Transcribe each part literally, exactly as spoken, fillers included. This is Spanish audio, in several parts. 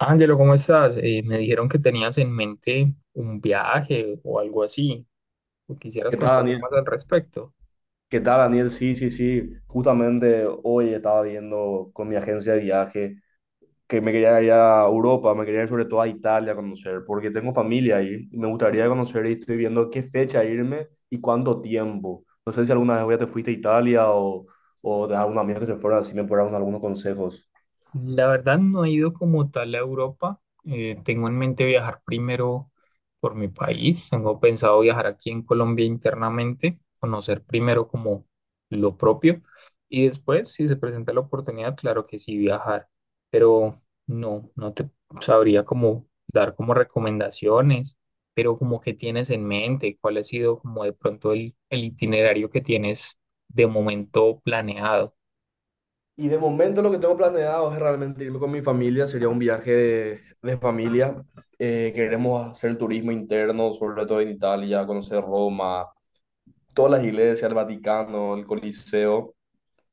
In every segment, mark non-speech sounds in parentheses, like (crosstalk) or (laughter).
Ángelo, ¿cómo estás? Eh, me dijeron que tenías en mente un viaje o algo así. ¿Quisieras ¿Qué contar tal, Daniel? más al respecto? ¿Qué tal, Daniel? Sí, sí, sí. Justamente hoy estaba viendo con mi agencia de viaje que me quería ir a Europa, me quería ir sobre todo a Italia a conocer, porque tengo familia ahí y me gustaría conocer y estoy viendo qué fecha irme y cuánto tiempo. No sé si alguna vez ya te fuiste a Italia o, o de algún amigo que se fuera, si me puedes dar algunos consejos. La verdad no he ido como tal a Europa. Eh, tengo en mente viajar primero por mi país. Tengo pensado viajar aquí en Colombia internamente, conocer primero como lo propio y después, si se presenta la oportunidad, claro que sí viajar. Pero no, no te sabría como dar como recomendaciones, pero como que tienes en mente, ¿cuál ha sido como de pronto el, el itinerario que tienes de momento planeado Y de momento lo que tengo planeado es realmente irme con mi familia, sería un viaje de, de familia. Eh, queremos hacer turismo interno, sobre todo en Italia, conocer Roma, todas las iglesias, el Vaticano, el Coliseo,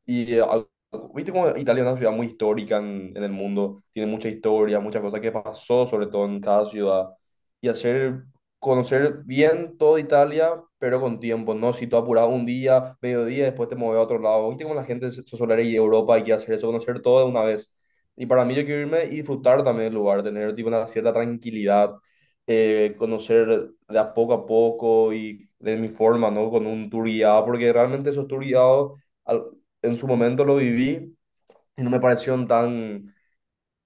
y eh, al- viste como Italia es una ciudad muy histórica en, en el mundo, tiene mucha historia, muchas cosas que pasó, sobre todo en cada ciudad. Y hacer, Conocer bien toda Italia, pero con tiempo, ¿no? Si tú apuras un día, mediodía, después te mueves a otro lado. Viste como la gente se se suele ir a Europa y quiere hacer eso, conocer todo de una vez. Y para mí yo quiero irme y disfrutar también del lugar, tener tipo una cierta tranquilidad, eh, conocer de a poco a poco y de mi forma, ¿no? Con un tour guiado, porque realmente esos tour guiados al- en su momento lo viví y no me parecieron tan,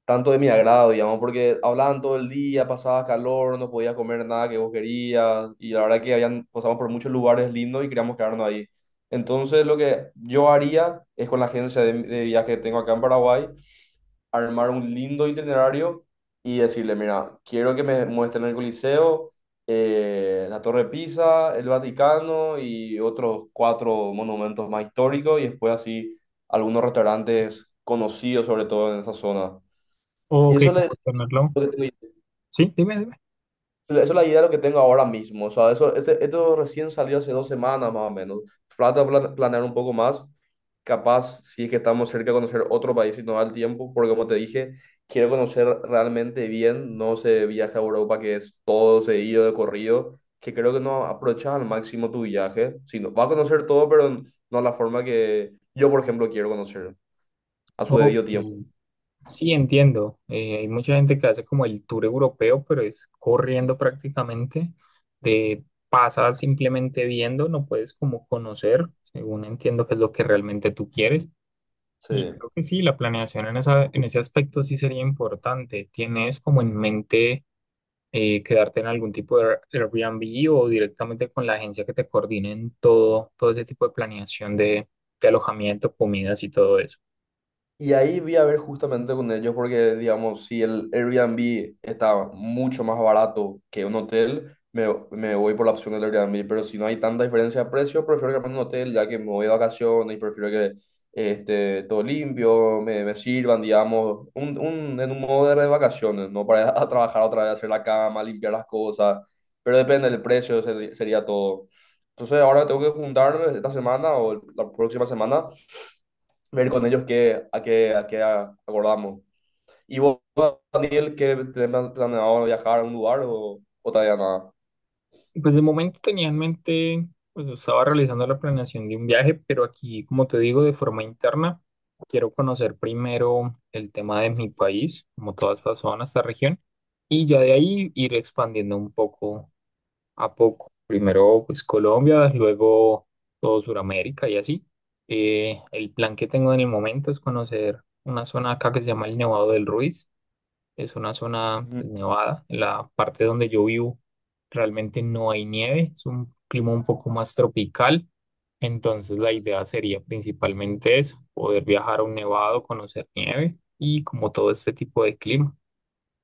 tanto de mi agrado, digamos, porque hablaban todo el día, pasaba calor, no podía comer nada que vos querías y la verdad que habían, pasamos por muchos lugares lindos y queríamos quedarnos ahí. Entonces lo que yo haría es con la agencia de, de viaje que tengo acá en Paraguay, armar un lindo itinerario y decirle, mira, quiero que me muestren el Coliseo, eh, la Torre de Pisa, el Vaticano y otros cuatro monumentos más históricos y después así algunos restaurantes conocidos sobre todo en esa zona. o Y que eso como le... tenerlo? Sí, dime, dime. Esa es la idea de lo que tengo ahora mismo. O sea, eso, este- esto recién salió hace dos semanas más o menos. Falta pla- planear un poco más. Capaz, si es que estamos cerca de conocer otro país y no da el tiempo, porque como te dije, quiero conocer realmente bien. No se viaje a Europa, que es todo seguido de corrido, que creo que no aprovechas al máximo tu viaje. Sino, vas a conocer todo, pero no la forma que yo, por ejemplo, quiero conocer a su Ok. debido tiempo. Sí, entiendo. Eh, hay mucha gente que hace como el tour europeo, pero es corriendo prácticamente. De pasa simplemente viendo, no puedes como conocer, según entiendo que es lo que realmente tú quieres. Sí. Y creo que sí, la planeación en esa, en ese aspecto sí sería importante. ¿Tienes como en mente eh, quedarte en algún tipo de Airbnb o directamente con la agencia que te coordine en todo, todo ese tipo de planeación de, de alojamiento, comidas y todo eso? Y ahí vi a ver justamente con ellos porque, digamos, si el Airbnb está mucho más barato que un hotel, me, me voy por la opción del Airbnb. Pero si no hay tanta diferencia de precio, prefiero quedarme en un hotel ya que me voy de vacaciones y prefiero que este todo limpio, me, me sirvan, digamos, un, un, en un modo de vacaciones, no para (laughs) ir a trabajar otra vez, hacer la cama, limpiar las cosas. Pero depende del precio, se- sería todo. Entonces ahora tengo que juntarme esta semana o el- la próxima semana ver con ellos qué, a qué, a qué acordamos. ¿Y vos, Daniel, qué tenés planeado viajar a un lugar o, o todavía nada? Pues de momento tenía en mente, pues estaba realizando la planeación de un viaje, pero aquí, como te digo, de forma interna, quiero conocer primero el tema de mi país, como toda esta zona, esta región, y ya de ahí ir expandiendo un poco a poco. Primero, pues Colombia, luego todo Sudamérica y así. Eh, el plan que tengo en el momento es conocer una zona acá que se llama el Nevado del Ruiz. Es una zona Ujú. pues, nevada. En la parte donde yo vivo realmente no hay nieve, es un clima un poco más tropical. Entonces la idea sería principalmente eso, poder viajar a un nevado, conocer nieve y como todo este tipo de clima.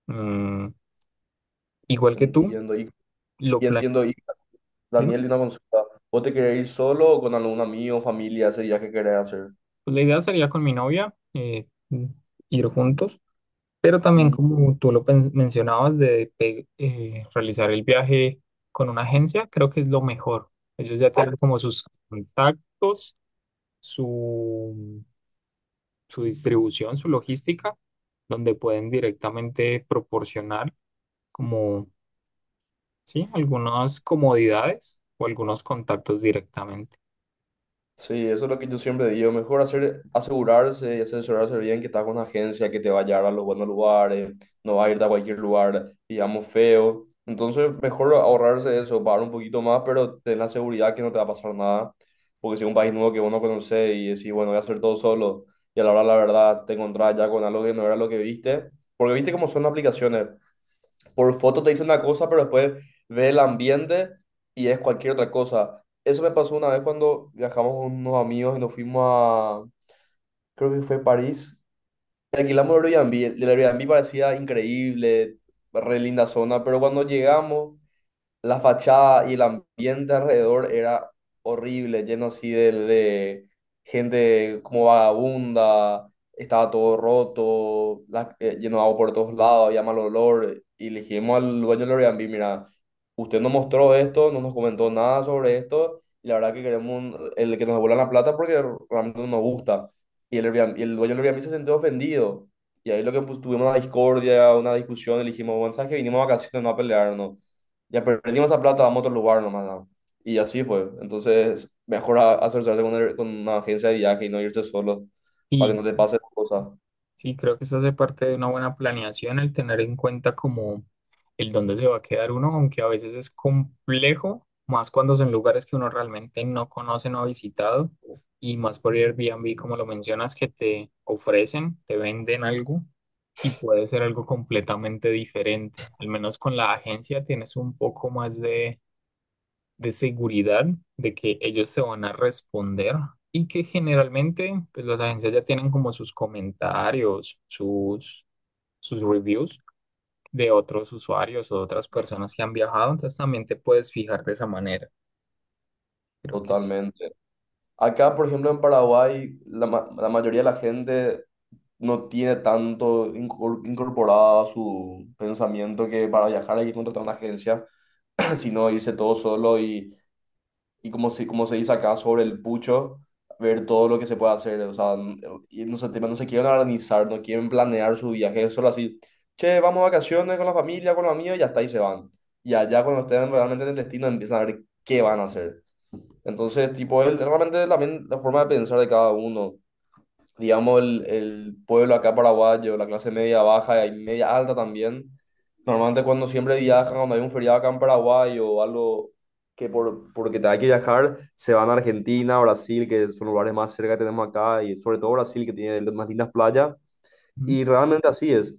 Mm, igual que tú, Entiendo, y, lo y planeamos. entiendo, y Dime. Daniel, una consulta. ¿Vos te querés ir solo o con algún amigo, familia, ese viaje que querés hacer? Pues la idea sería con mi novia eh, ir juntos. Pero también como tú lo pen- mencionabas de pe- eh, realizar el viaje con una agencia, creo que es lo mejor. Ellos ya tienen como sus contactos, su, su distribución, su logística, donde pueden directamente proporcionar como, sí, algunas comodidades o algunos contactos directamente. Sí, eso es lo que yo siempre digo. Mejor hacer, asegurarse y asesorarse bien que está con una agencia que te va a llevar a los buenos lugares, no va a irte a cualquier lugar, digamos, feo. Entonces, mejor ahorrarse eso, pagar un poquito más, pero ten la seguridad que no te va a pasar nada. Porque si es un país nuevo que vos no conocés y decís, bueno, voy a hacer todo solo, y a la hora, la verdad, te encontrás ya con algo que no era lo que viste. Porque viste cómo son las aplicaciones por foto te dice una cosa, pero después ve el ambiente y es cualquier otra cosa. Eso me pasó una vez cuando viajamos con unos amigos y nos fuimos a, creo que fue París, y alquilamos el Airbnb. El Airbnb parecía increíble, re linda zona, pero cuando llegamos la fachada y el ambiente alrededor era horrible, lleno así de, de gente como vagabunda, estaba todo roto, la- eh, lleno de agua por todos lados, había mal olor, y le dijimos al dueño del Airbnb, mira, usted nos mostró esto, no nos comentó nada sobre esto, y la verdad que queremos un- el que nos devuelvan la plata porque realmente no nos gusta. Y el, Airbnb- y el dueño del Airbnb se sintió ofendido. Y ahí lo que pues, tuvimos una discordia, una discusión, y le dijimos, bueno, sabes que vinimos a vacaciones, no a pelearnos, ya perdimos esa plata, vamos a otro lugar nomás, ¿no? Y así fue. Entonces, mejor a- asesorarse con, el- con una agencia de viaje y no irse solo para que Y no te pase cosas. sí, creo que eso hace parte de una buena planeación, el tener en cuenta como el dónde se va a quedar uno, aunque a veces es complejo, más cuando son lugares que uno realmente no conoce, no ha visitado, y más por Airbnb, como lo mencionas, que te ofrecen, te venden algo y puede ser algo completamente diferente. Al menos con la agencia tienes un poco más de seguridad de que ellos se van a responder y que generalmente pues las agencias ya tienen como sus comentarios, sus, sus reviews de otros usuarios o otras personas que han viajado, entonces también te puedes fijar de esa manera, creo que sí. Totalmente. Acá, por ejemplo, en Paraguay, la, ma- la mayoría de la gente no tiene tanto incor- incorporado a su pensamiento que para viajar hay que contratar una agencia, (clears throat) sino irse todo solo y y como se, como se dice acá sobre el pucho, ver todo lo que se puede hacer, o sea, n- y no se, no se quieren organizar, no quieren planear su viaje, es solo así, che, vamos a vacaciones con la familia, con los amigos, y hasta ahí se van. Y allá cuando estén realmente en el destino empiezan a ver qué van a hacer. Entonces, tipo, es realmente también la forma de pensar de cada uno, digamos, el, el pueblo acá paraguayo, la clase media baja y media alta también, normalmente cuando siempre viajan, cuando hay un feriado acá en Paraguay o algo que por, porque te hay que viajar, se van a Argentina, Brasil, que son lugares más cerca que tenemos acá, y sobre todo Brasil, que tiene las más lindas playas, Ujú. y realmente así es.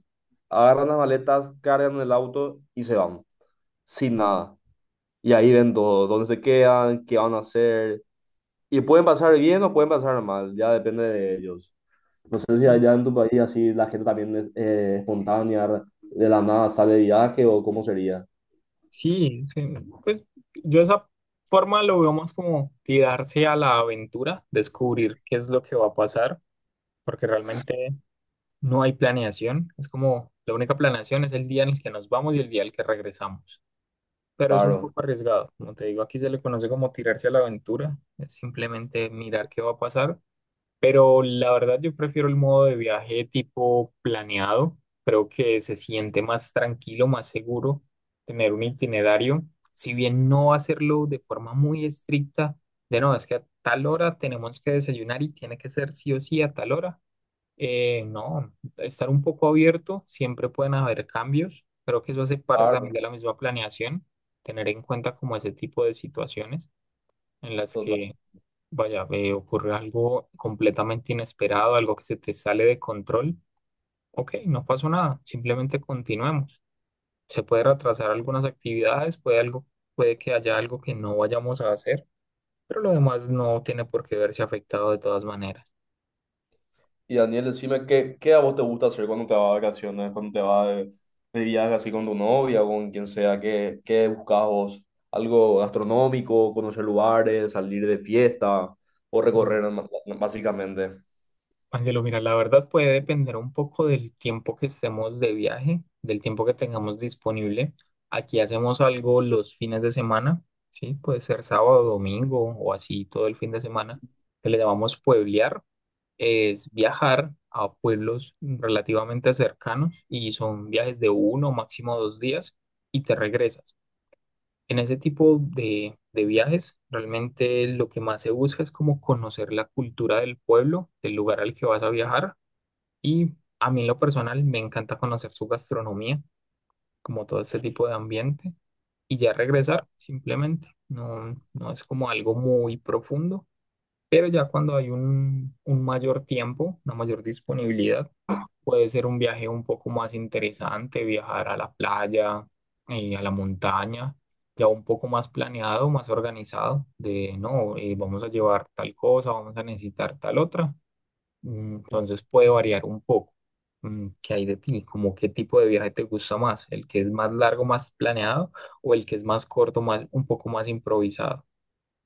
Agarran las maletas, cargan el auto y se van, sin nada. Y ahí ven todo, dónde se quedan, qué van a hacer. Y pueden pasar bien o pueden pasar mal, ya depende de ellos. No sé si allá en tu país así la gente también es eh, espontánea, de la nada sale de viaje o cómo sería. Sí, sí, pues yo esa forma lo veo más como tirarse a la aventura, descubrir qué es lo que va a pasar, porque realmente no hay planeación, es como la única planeación es el día en el que nos vamos y el día en el que regresamos, pero es un Claro, poco arriesgado, como te digo, aquí se le conoce como tirarse a la aventura, es simplemente mirar qué va a pasar, pero la verdad yo prefiero el modo de viaje tipo planeado, creo que se siente más tranquilo, más seguro tener un itinerario, si bien no hacerlo de forma muy estricta, de no, es que a tal hora tenemos que desayunar y tiene que ser sí o sí a tal hora, eh, no, estar un poco abierto, siempre pueden haber cambios. Creo que eso hace parte también claro, de la misma planeación, tener en cuenta como ese tipo de situaciones en las que, total. vaya, eh, ocurre algo completamente inesperado, algo que se te sale de control. Ok, no pasó nada, simplemente continuemos. Se puede retrasar algunas actividades, puede algo, puede que haya algo que no vayamos a hacer, pero lo demás no tiene por qué verse afectado de todas maneras. Y Daniel, decime, ¿qué, ¿qué a vos te gusta hacer cuando te vas de vacaciones, cuando te vas de, de viaje así con tu novia o con quien sea? ¿Qué, ¿qué buscas vos? ¿Algo gastronómico, conocer lugares, salir de fiesta o recorrer más- básicamente? Angelo, mira, la verdad puede depender un poco del tiempo que estemos de viaje, del tiempo que tengamos disponible. Aquí hacemos algo los fines de semana, ¿sí? Puede ser sábado, domingo o así todo el fin de semana, que le llamamos pueblear. Es viajar a pueblos relativamente cercanos y son viajes de uno, máximo dos días y te regresas. En ese tipo de, de viajes, realmente lo que más se busca es como conocer la cultura del pueblo, del lugar al que vas a viajar y a mí en lo personal me encanta conocer su gastronomía, como todo este tipo de ambiente, y ya regresar simplemente. No, no es como algo muy profundo, pero ya cuando hay un, un mayor tiempo, una mayor disponibilidad, puede ser un viaje un poco más interesante, viajar a la playa, eh, a la montaña, ya un poco más planeado, más organizado, de no, eh, vamos a llevar tal cosa, vamos a necesitar tal otra. Mm, entonces puede variar un poco. Mm, ¿qué hay de ti? ¿Como qué tipo de viaje te gusta más? ¿El que es más largo, más planeado o el que es más corto, más, un poco más improvisado?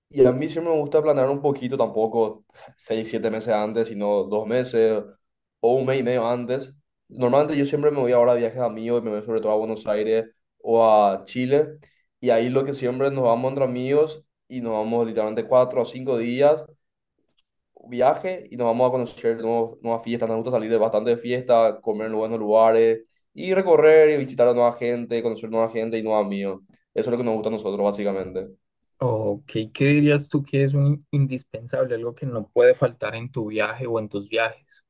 Y a mí siempre me gusta planear un poquito, tampoco seis, siete meses antes, sino dos meses o un mes y medio antes. Normalmente yo siempre me voy ahora a viajes de amigos, me voy sobre todo a Buenos Aires o a Chile. Y ahí lo que siempre nos vamos entre amigos y nos vamos literalmente cuatro o cinco días viaje y nos vamos a conocer nuevos- nuevas fiestas. Nos gusta salir de bastante de fiesta, comer en buenos lugares y recorrer y visitar a nueva gente, conocer nueva gente y nuevos amigos. Eso es lo que nos gusta a nosotros, básicamente. Ok, ¿qué dirías tú que es un in- indispensable, algo que no puede faltar en tu viaje o en tus viajes?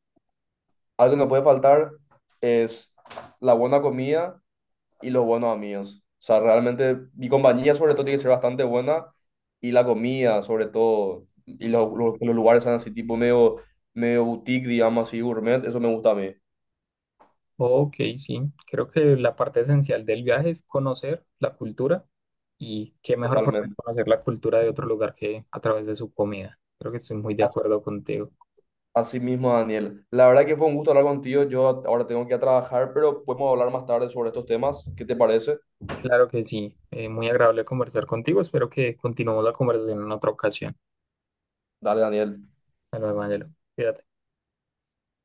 Algo que no puede faltar es la buena comida y los buenos amigos. O sea, realmente mi compañía sobre todo tiene que ser bastante buena y la comida sobre todo y los, los, los lugares sean así tipo medio, medio boutique, digamos así, gourmet, eso me gusta a mí, Ok, sí, creo que la parte esencial del viaje es conocer la cultura y qué mejor forma de totalmente. conocer la cultura de otro lugar que a través de su comida. Creo que estoy muy de A- acuerdo contigo. Así mismo, Daniel. La verdad que fue un gusto hablar contigo. Yo ahora tengo que ir a trabajar, pero podemos hablar más tarde sobre estos temas. ¿Qué te parece? Claro que sí. Eh, muy agradable conversar contigo. Espero que continuemos la conversación en otra ocasión. Dale, Daniel. Hasta luego, Ángelo. Cuídate.